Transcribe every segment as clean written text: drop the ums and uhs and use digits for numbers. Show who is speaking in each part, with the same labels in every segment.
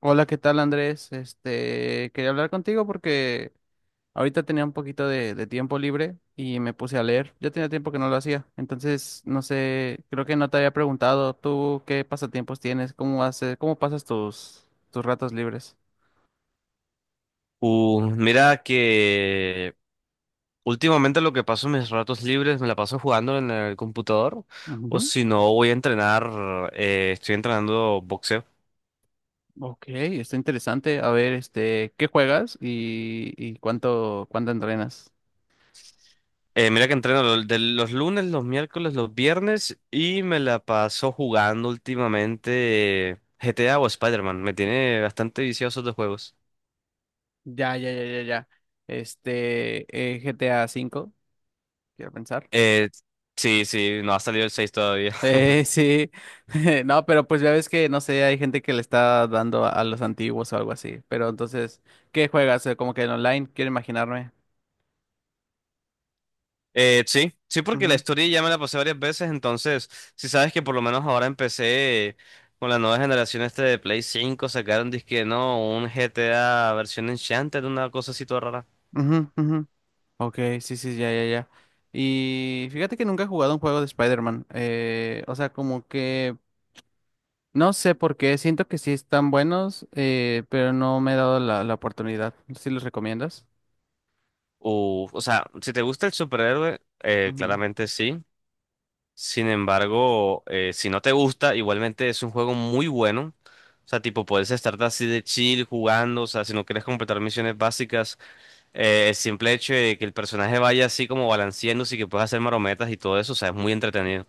Speaker 1: Hola, ¿qué tal Andrés? Este, quería hablar contigo porque ahorita tenía un poquito de tiempo libre y me puse a leer. Yo tenía tiempo que no lo hacía, entonces no sé, creo que no te había preguntado tú qué pasatiempos tienes, cómo haces, cómo pasas tus ratos libres.
Speaker 2: Mira que últimamente lo que paso en mis ratos libres me la paso jugando en el computador o
Speaker 1: Ujú.
Speaker 2: si no voy a entrenar, estoy entrenando boxeo.
Speaker 1: Ok, está interesante. A ver, este, ¿qué juegas y cuánto entrenas?
Speaker 2: Mira que entreno de los lunes, los miércoles, los viernes y me la paso jugando últimamente GTA o Spider-Man. Me tiene bastante vicioso de juegos.
Speaker 1: Ya, ya, ya, ya, ya. Este, GTA 5, quiero pensar.
Speaker 2: Eh, sí, sí, no ha salido el 6 todavía.
Speaker 1: Sí, no, pero pues ya ves que, no sé, hay gente que le está dando a los antiguos o algo así, pero entonces, ¿qué juegas? Como que en online, quiero imaginarme.
Speaker 2: Sí, sí, porque la
Speaker 1: Ujú,
Speaker 2: historia ya me la pasé varias veces, entonces, si sabes que por lo menos ahora empecé con la nueva generación este de Play 5, sacaron disque, no, un GTA versión Enchanted, una cosa así toda rara.
Speaker 1: ujú, ujú. Ok, sí, sí, ya, ya, ya. Y fíjate que nunca he jugado un juego de Spider-Man, o sea, como que, no sé por qué, siento que sí están buenos, pero no me he dado la oportunidad. ¿Sí los recomiendas?
Speaker 2: Uf, o sea, si te gusta el superhéroe, claramente sí. Sin embargo, si no te gusta, igualmente es un juego muy bueno. O sea, tipo, puedes estar así de chill jugando, o sea, si no quieres completar misiones básicas. El simple hecho de que el personaje vaya así como balanceándose y que puedas hacer marometas y todo eso, o sea, es muy entretenido.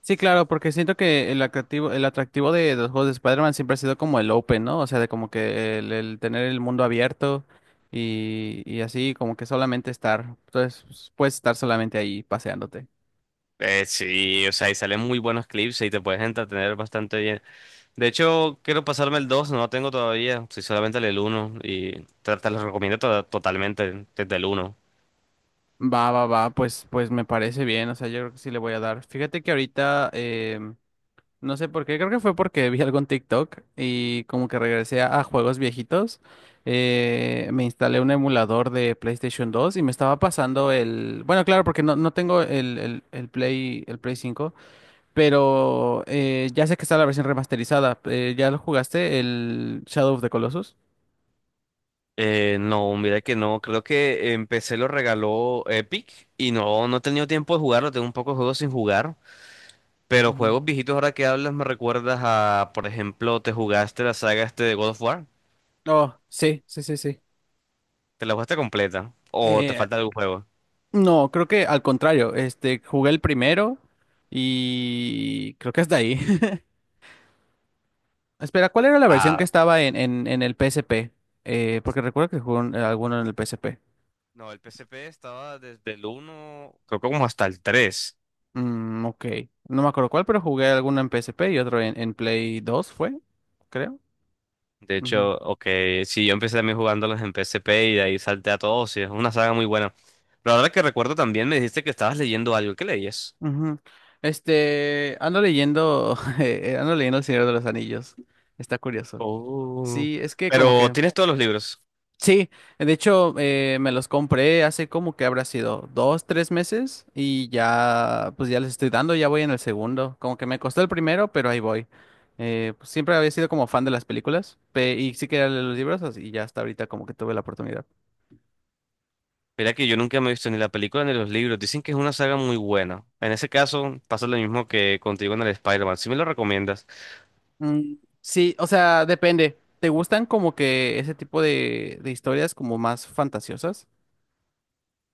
Speaker 1: Sí, claro, porque siento que el atractivo de los juegos de Spider-Man siempre ha sido como el open, ¿no? O sea, de como que el tener el mundo abierto y así, como que solamente estar. Entonces, pues, puedes estar solamente ahí paseándote.
Speaker 2: Sí, o sea, y salen muy buenos clips y te puedes entretener bastante bien. De hecho, quiero pasarme el 2, no lo tengo todavía, soy solamente el uno y te lo recomiendo totalmente desde el uno.
Speaker 1: Va, va, va, pues me parece bien, o sea, yo creo que sí le voy a dar. Fíjate que ahorita no sé por qué, creo que fue porque vi algo en TikTok y como que regresé a juegos viejitos. Me instalé un emulador de PlayStation 2 y me estaba pasando el. Bueno, claro, porque no tengo el Play 5, pero ya sé que está la versión remasterizada. ¿Ya lo jugaste? El Shadow of the Colossus.
Speaker 2: No, mira que no, creo que empecé lo regaló Epic y no, no he tenido tiempo de jugarlo, tengo un poco de juegos sin jugar. Pero
Speaker 1: Ujú.
Speaker 2: juegos viejitos ahora que hablas me recuerdas a, por ejemplo, te jugaste la saga este de God of War.
Speaker 1: Oh, sí, sí, sí, sí.
Speaker 2: ¿Te la jugaste completa? ¿O te
Speaker 1: Eh,
Speaker 2: falta algún juego?
Speaker 1: no, creo que al contrario, este, jugué el primero y creo que hasta ahí. Espera, ¿cuál era la versión que
Speaker 2: Ah,
Speaker 1: estaba en, en el PSP? Porque recuerdo que jugué alguno en el PSP.
Speaker 2: no, el PSP estaba desde el uno, creo que como hasta el 3.
Speaker 1: Mm, ok. No me acuerdo cuál, pero jugué alguno en PSP y otro en Play 2, ¿fue? Creo.
Speaker 2: De
Speaker 1: Ujú,
Speaker 2: hecho, ok, sí, yo empecé también jugándolos en PSP y de ahí salté a todos y es una saga muy buena. Pero ahora que recuerdo también me dijiste que estabas leyendo algo. ¿Qué leías?
Speaker 1: ujú. Este, ando leyendo, ando leyendo El Señor de los Anillos. Está curioso.
Speaker 2: Oh,
Speaker 1: Sí, es que como
Speaker 2: pero
Speaker 1: que.
Speaker 2: tienes todos los libros.
Speaker 1: Sí, de hecho me los compré hace como que habrá sido dos, tres meses y ya pues ya les estoy dando, ya voy en el segundo, como que me costó el primero, pero ahí voy. Pues, siempre había sido como fan de las películas y sí quería leer los libros y ya hasta ahorita como que tuve la oportunidad.
Speaker 2: Mira que yo nunca me he visto ni la película ni los libros. Dicen que es una saga muy buena. En ese caso, pasa lo mismo que contigo en el Spider-Man. ¿Sí me lo recomiendas?
Speaker 1: Mm, sí, o sea, depende. ¿Te gustan como que ese tipo de historias como más fantasiosas?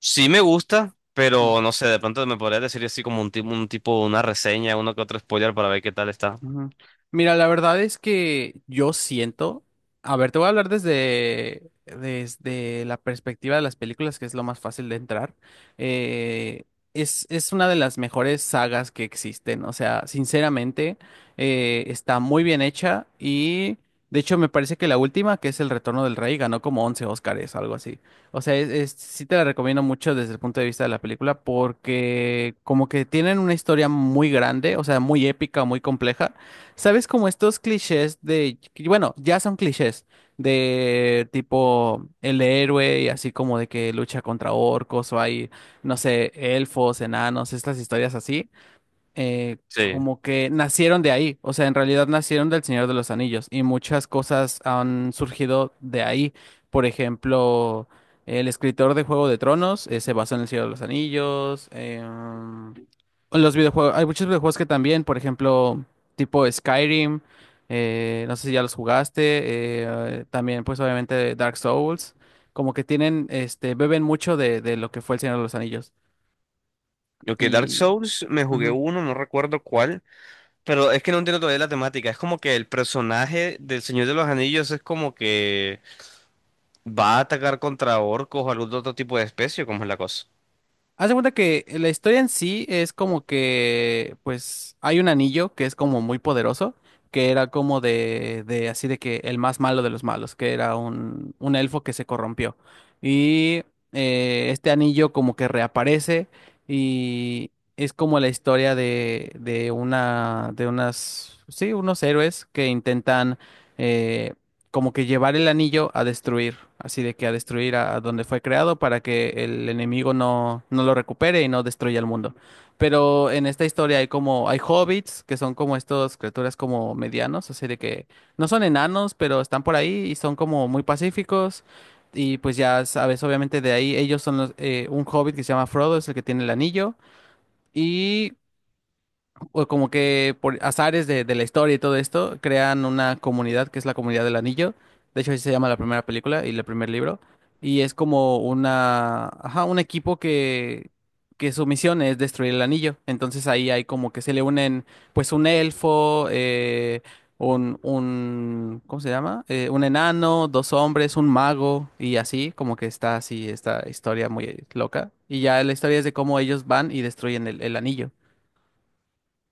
Speaker 2: Sí me gusta, pero no sé, de pronto me podrías decir así como un tipo, una reseña, uno que otro spoiler para ver qué tal está.
Speaker 1: Ujú. Mira, la verdad es que yo siento, a ver, te voy a hablar desde la perspectiva de las películas, que es lo más fácil de entrar. Eh, es una de las mejores sagas que existen, o sea, sinceramente, está muy bien hecha y, de hecho, me parece que la última, que es El Retorno del Rey, ganó como 11 Óscares, algo así. O sea, sí te la recomiendo mucho desde el punto de vista de la película porque como que tienen una historia muy grande, o sea, muy épica, muy compleja. ¿Sabes? Como estos clichés de, que, bueno, ya son clichés de tipo el héroe y así como de que lucha contra orcos o hay, no sé, elfos, enanos, estas historias así
Speaker 2: Sí.
Speaker 1: como que nacieron de ahí, o sea, en realidad nacieron del Señor de los Anillos y muchas cosas han surgido de ahí. Por ejemplo, el escritor de Juego de Tronos se basó en el Señor de los Anillos. Los videojuegos, hay muchos videojuegos que también, por ejemplo, tipo Skyrim, no sé si ya los jugaste, también pues obviamente Dark Souls, como que tienen, este, beben mucho de lo que fue el Señor de los Anillos.
Speaker 2: Ok, Dark
Speaker 1: Y.
Speaker 2: Souls, me jugué
Speaker 1: Ujú.
Speaker 2: uno, no recuerdo cuál, pero es que no entiendo todavía la temática. Es como que el personaje del Señor de los Anillos es como que va a atacar contra orcos o algún otro tipo de especie, ¿cómo es la cosa?
Speaker 1: Haz de cuenta que la historia en sí es como que, pues, hay un anillo que es como muy poderoso, que era como de así de que el más malo de los malos, que era un elfo que se corrompió. Y este anillo como que reaparece y es como la historia de una, de unas, sí, unos héroes que intentan, eh, como que llevar el anillo a destruir, así de que a destruir a donde fue creado para que el enemigo no lo recupere y no destruya el mundo. Pero en esta historia hay hobbits, que son como estos criaturas como medianos, así de que no son enanos, pero están por ahí y son como muy pacíficos. Y pues ya sabes, obviamente de ahí ellos son los, un hobbit que se llama Frodo, es el que tiene el anillo. Y o como que por azares de la historia y todo esto, crean una comunidad que es la Comunidad del Anillo. De hecho, así se llama la primera película y el primer libro. Y es como una, ajá, un equipo que su misión es destruir el anillo. Entonces ahí hay como que se le unen, pues, un elfo, un, ¿cómo se llama? Un enano, dos hombres, un mago y así, como que está así esta historia muy loca. Y ya la historia es de cómo ellos van y destruyen el anillo.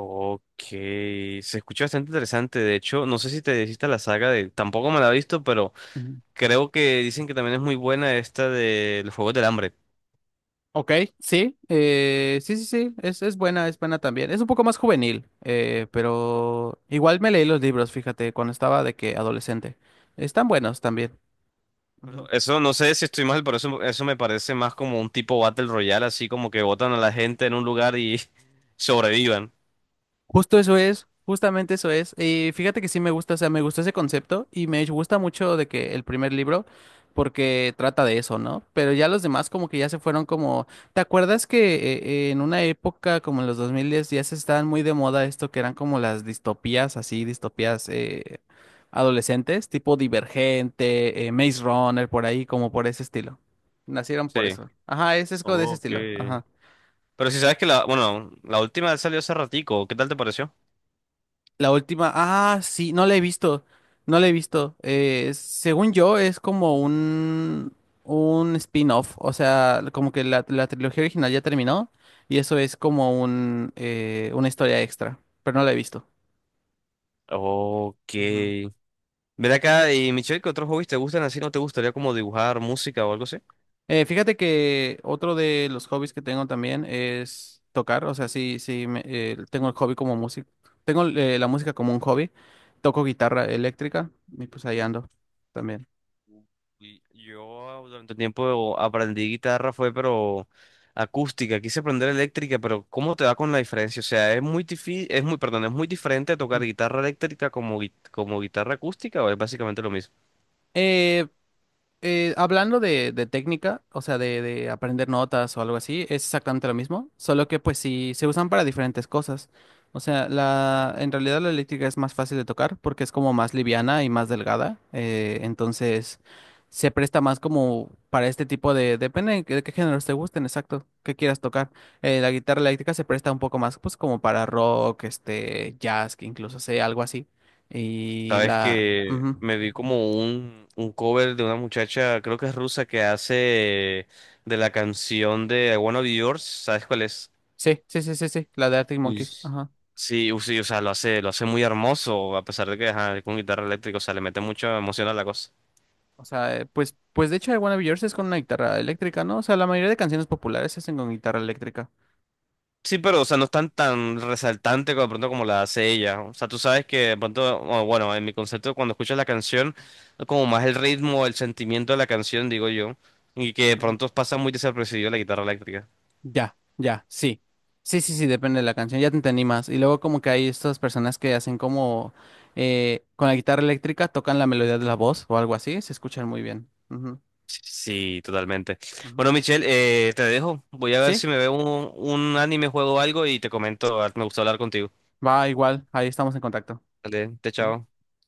Speaker 2: Ok, se escucha bastante interesante. De hecho, no sé si te hiciste la saga de... Tampoco me la he visto, pero
Speaker 1: Ujú.
Speaker 2: creo que dicen que también es muy buena esta del Juego del Hambre.
Speaker 1: Ok, sí, sí, sí, sí, es buena, es buena también. Es un poco más juvenil, pero igual me leí los libros, fíjate, cuando estaba de que adolescente. Están buenos también.
Speaker 2: Pero eso no sé si estoy mal, pero eso me parece más como un tipo Battle Royale, así como que botan a la gente en un lugar y sobrevivan.
Speaker 1: Justo eso es, justamente eso es. Y fíjate que sí me gusta, o sea, me gustó ese concepto y me gusta mucho de que el primer libro, porque trata de eso, ¿no? Pero ya los demás como que ya se fueron como, ¿te acuerdas que en una época como en los 2010 ya se estaban muy de moda esto que eran como las distopías, así, distopías adolescentes, tipo Divergente, Maze Runner, por ahí, como por ese estilo. Nacieron por
Speaker 2: Sí.
Speaker 1: eso. Ajá, ese es como de ese
Speaker 2: Ok.
Speaker 1: estilo. Ajá.
Speaker 2: Pero si sabes que la, bueno, la última salió hace ratico, ¿qué tal te pareció?
Speaker 1: La última, ah, sí, no la he visto, no la he visto. Según yo, es como un spin-off, o sea, como que la trilogía original ya terminó y eso es como una historia extra, pero no la he visto.
Speaker 2: Ok.
Speaker 1: Ujú.
Speaker 2: Ven acá y Michelle, ¿qué otros hobbies te gustan así? ¿No te gustaría como dibujar música o algo así?
Speaker 1: Fíjate que otro de los hobbies que tengo también es tocar, o sea, sí, sí, tengo el hobby como música. Tengo la música como un hobby, toco guitarra eléctrica y pues ahí ando también.
Speaker 2: Y yo durante un tiempo aprendí guitarra, fue pero acústica, quise aprender eléctrica, pero ¿cómo te va con la diferencia? O sea, es muy es muy, perdón, es muy diferente tocar
Speaker 1: Ujú.
Speaker 2: guitarra eléctrica como, como guitarra acústica o es básicamente lo mismo.
Speaker 1: Hablando de técnica, o sea, de aprender notas o algo así, es exactamente lo mismo, solo que pues sí se usan para diferentes cosas. O sea, en realidad la eléctrica es más fácil de tocar porque es como más liviana y más delgada, entonces se presta más como para este tipo de, depende de qué géneros te gusten, exacto, qué quieras tocar. La guitarra eléctrica se presta un poco más pues como para rock, este, jazz, que incluso sé, algo así. Y
Speaker 2: Sabes
Speaker 1: la.
Speaker 2: que
Speaker 1: Ujú.
Speaker 2: me vi como un cover de una muchacha, creo que es rusa, que hace de la canción de I Wanna Be Yours, ¿sabes cuál es?
Speaker 1: Sí, sí, sí, sí, sí, la de Arctic
Speaker 2: Uy.
Speaker 1: Monkeys, ajá.
Speaker 2: Sí, sí, o sea, lo hace muy hermoso, a pesar de que ajá, es con guitarra eléctrica, o sea, le mete mucha emoción a la cosa.
Speaker 1: O sea, pues, de hecho I Wanna Be Yours es con una guitarra eléctrica, ¿no? O sea, la mayoría de canciones populares se hacen con guitarra eléctrica.
Speaker 2: Sí, pero, o sea, no es tan resaltante como, de pronto como la hace ella. O sea, tú sabes que de pronto, o bueno, en mi concepto, cuando escuchas la canción, es como más el ritmo, el sentimiento de la canción, digo yo, y que de
Speaker 1: Ujú.
Speaker 2: pronto pasa muy desapercibido la guitarra eléctrica.
Speaker 1: Ya, ya, sí. Sí, sí, sí, depende de la canción, ya te entendí más. Y luego como que hay estas personas que hacen como con la guitarra eléctrica tocan la melodía de la voz o algo así, se escuchan muy bien. Ujú,
Speaker 2: Sí, totalmente.
Speaker 1: ujú.
Speaker 2: Bueno, Michelle, te dejo. Voy a ver
Speaker 1: Sí,
Speaker 2: si me veo un anime, juego algo y te comento. Me gustó hablar contigo.
Speaker 1: va igual, ahí estamos en contacto.
Speaker 2: Vale, te
Speaker 1: Ujú.
Speaker 2: chao.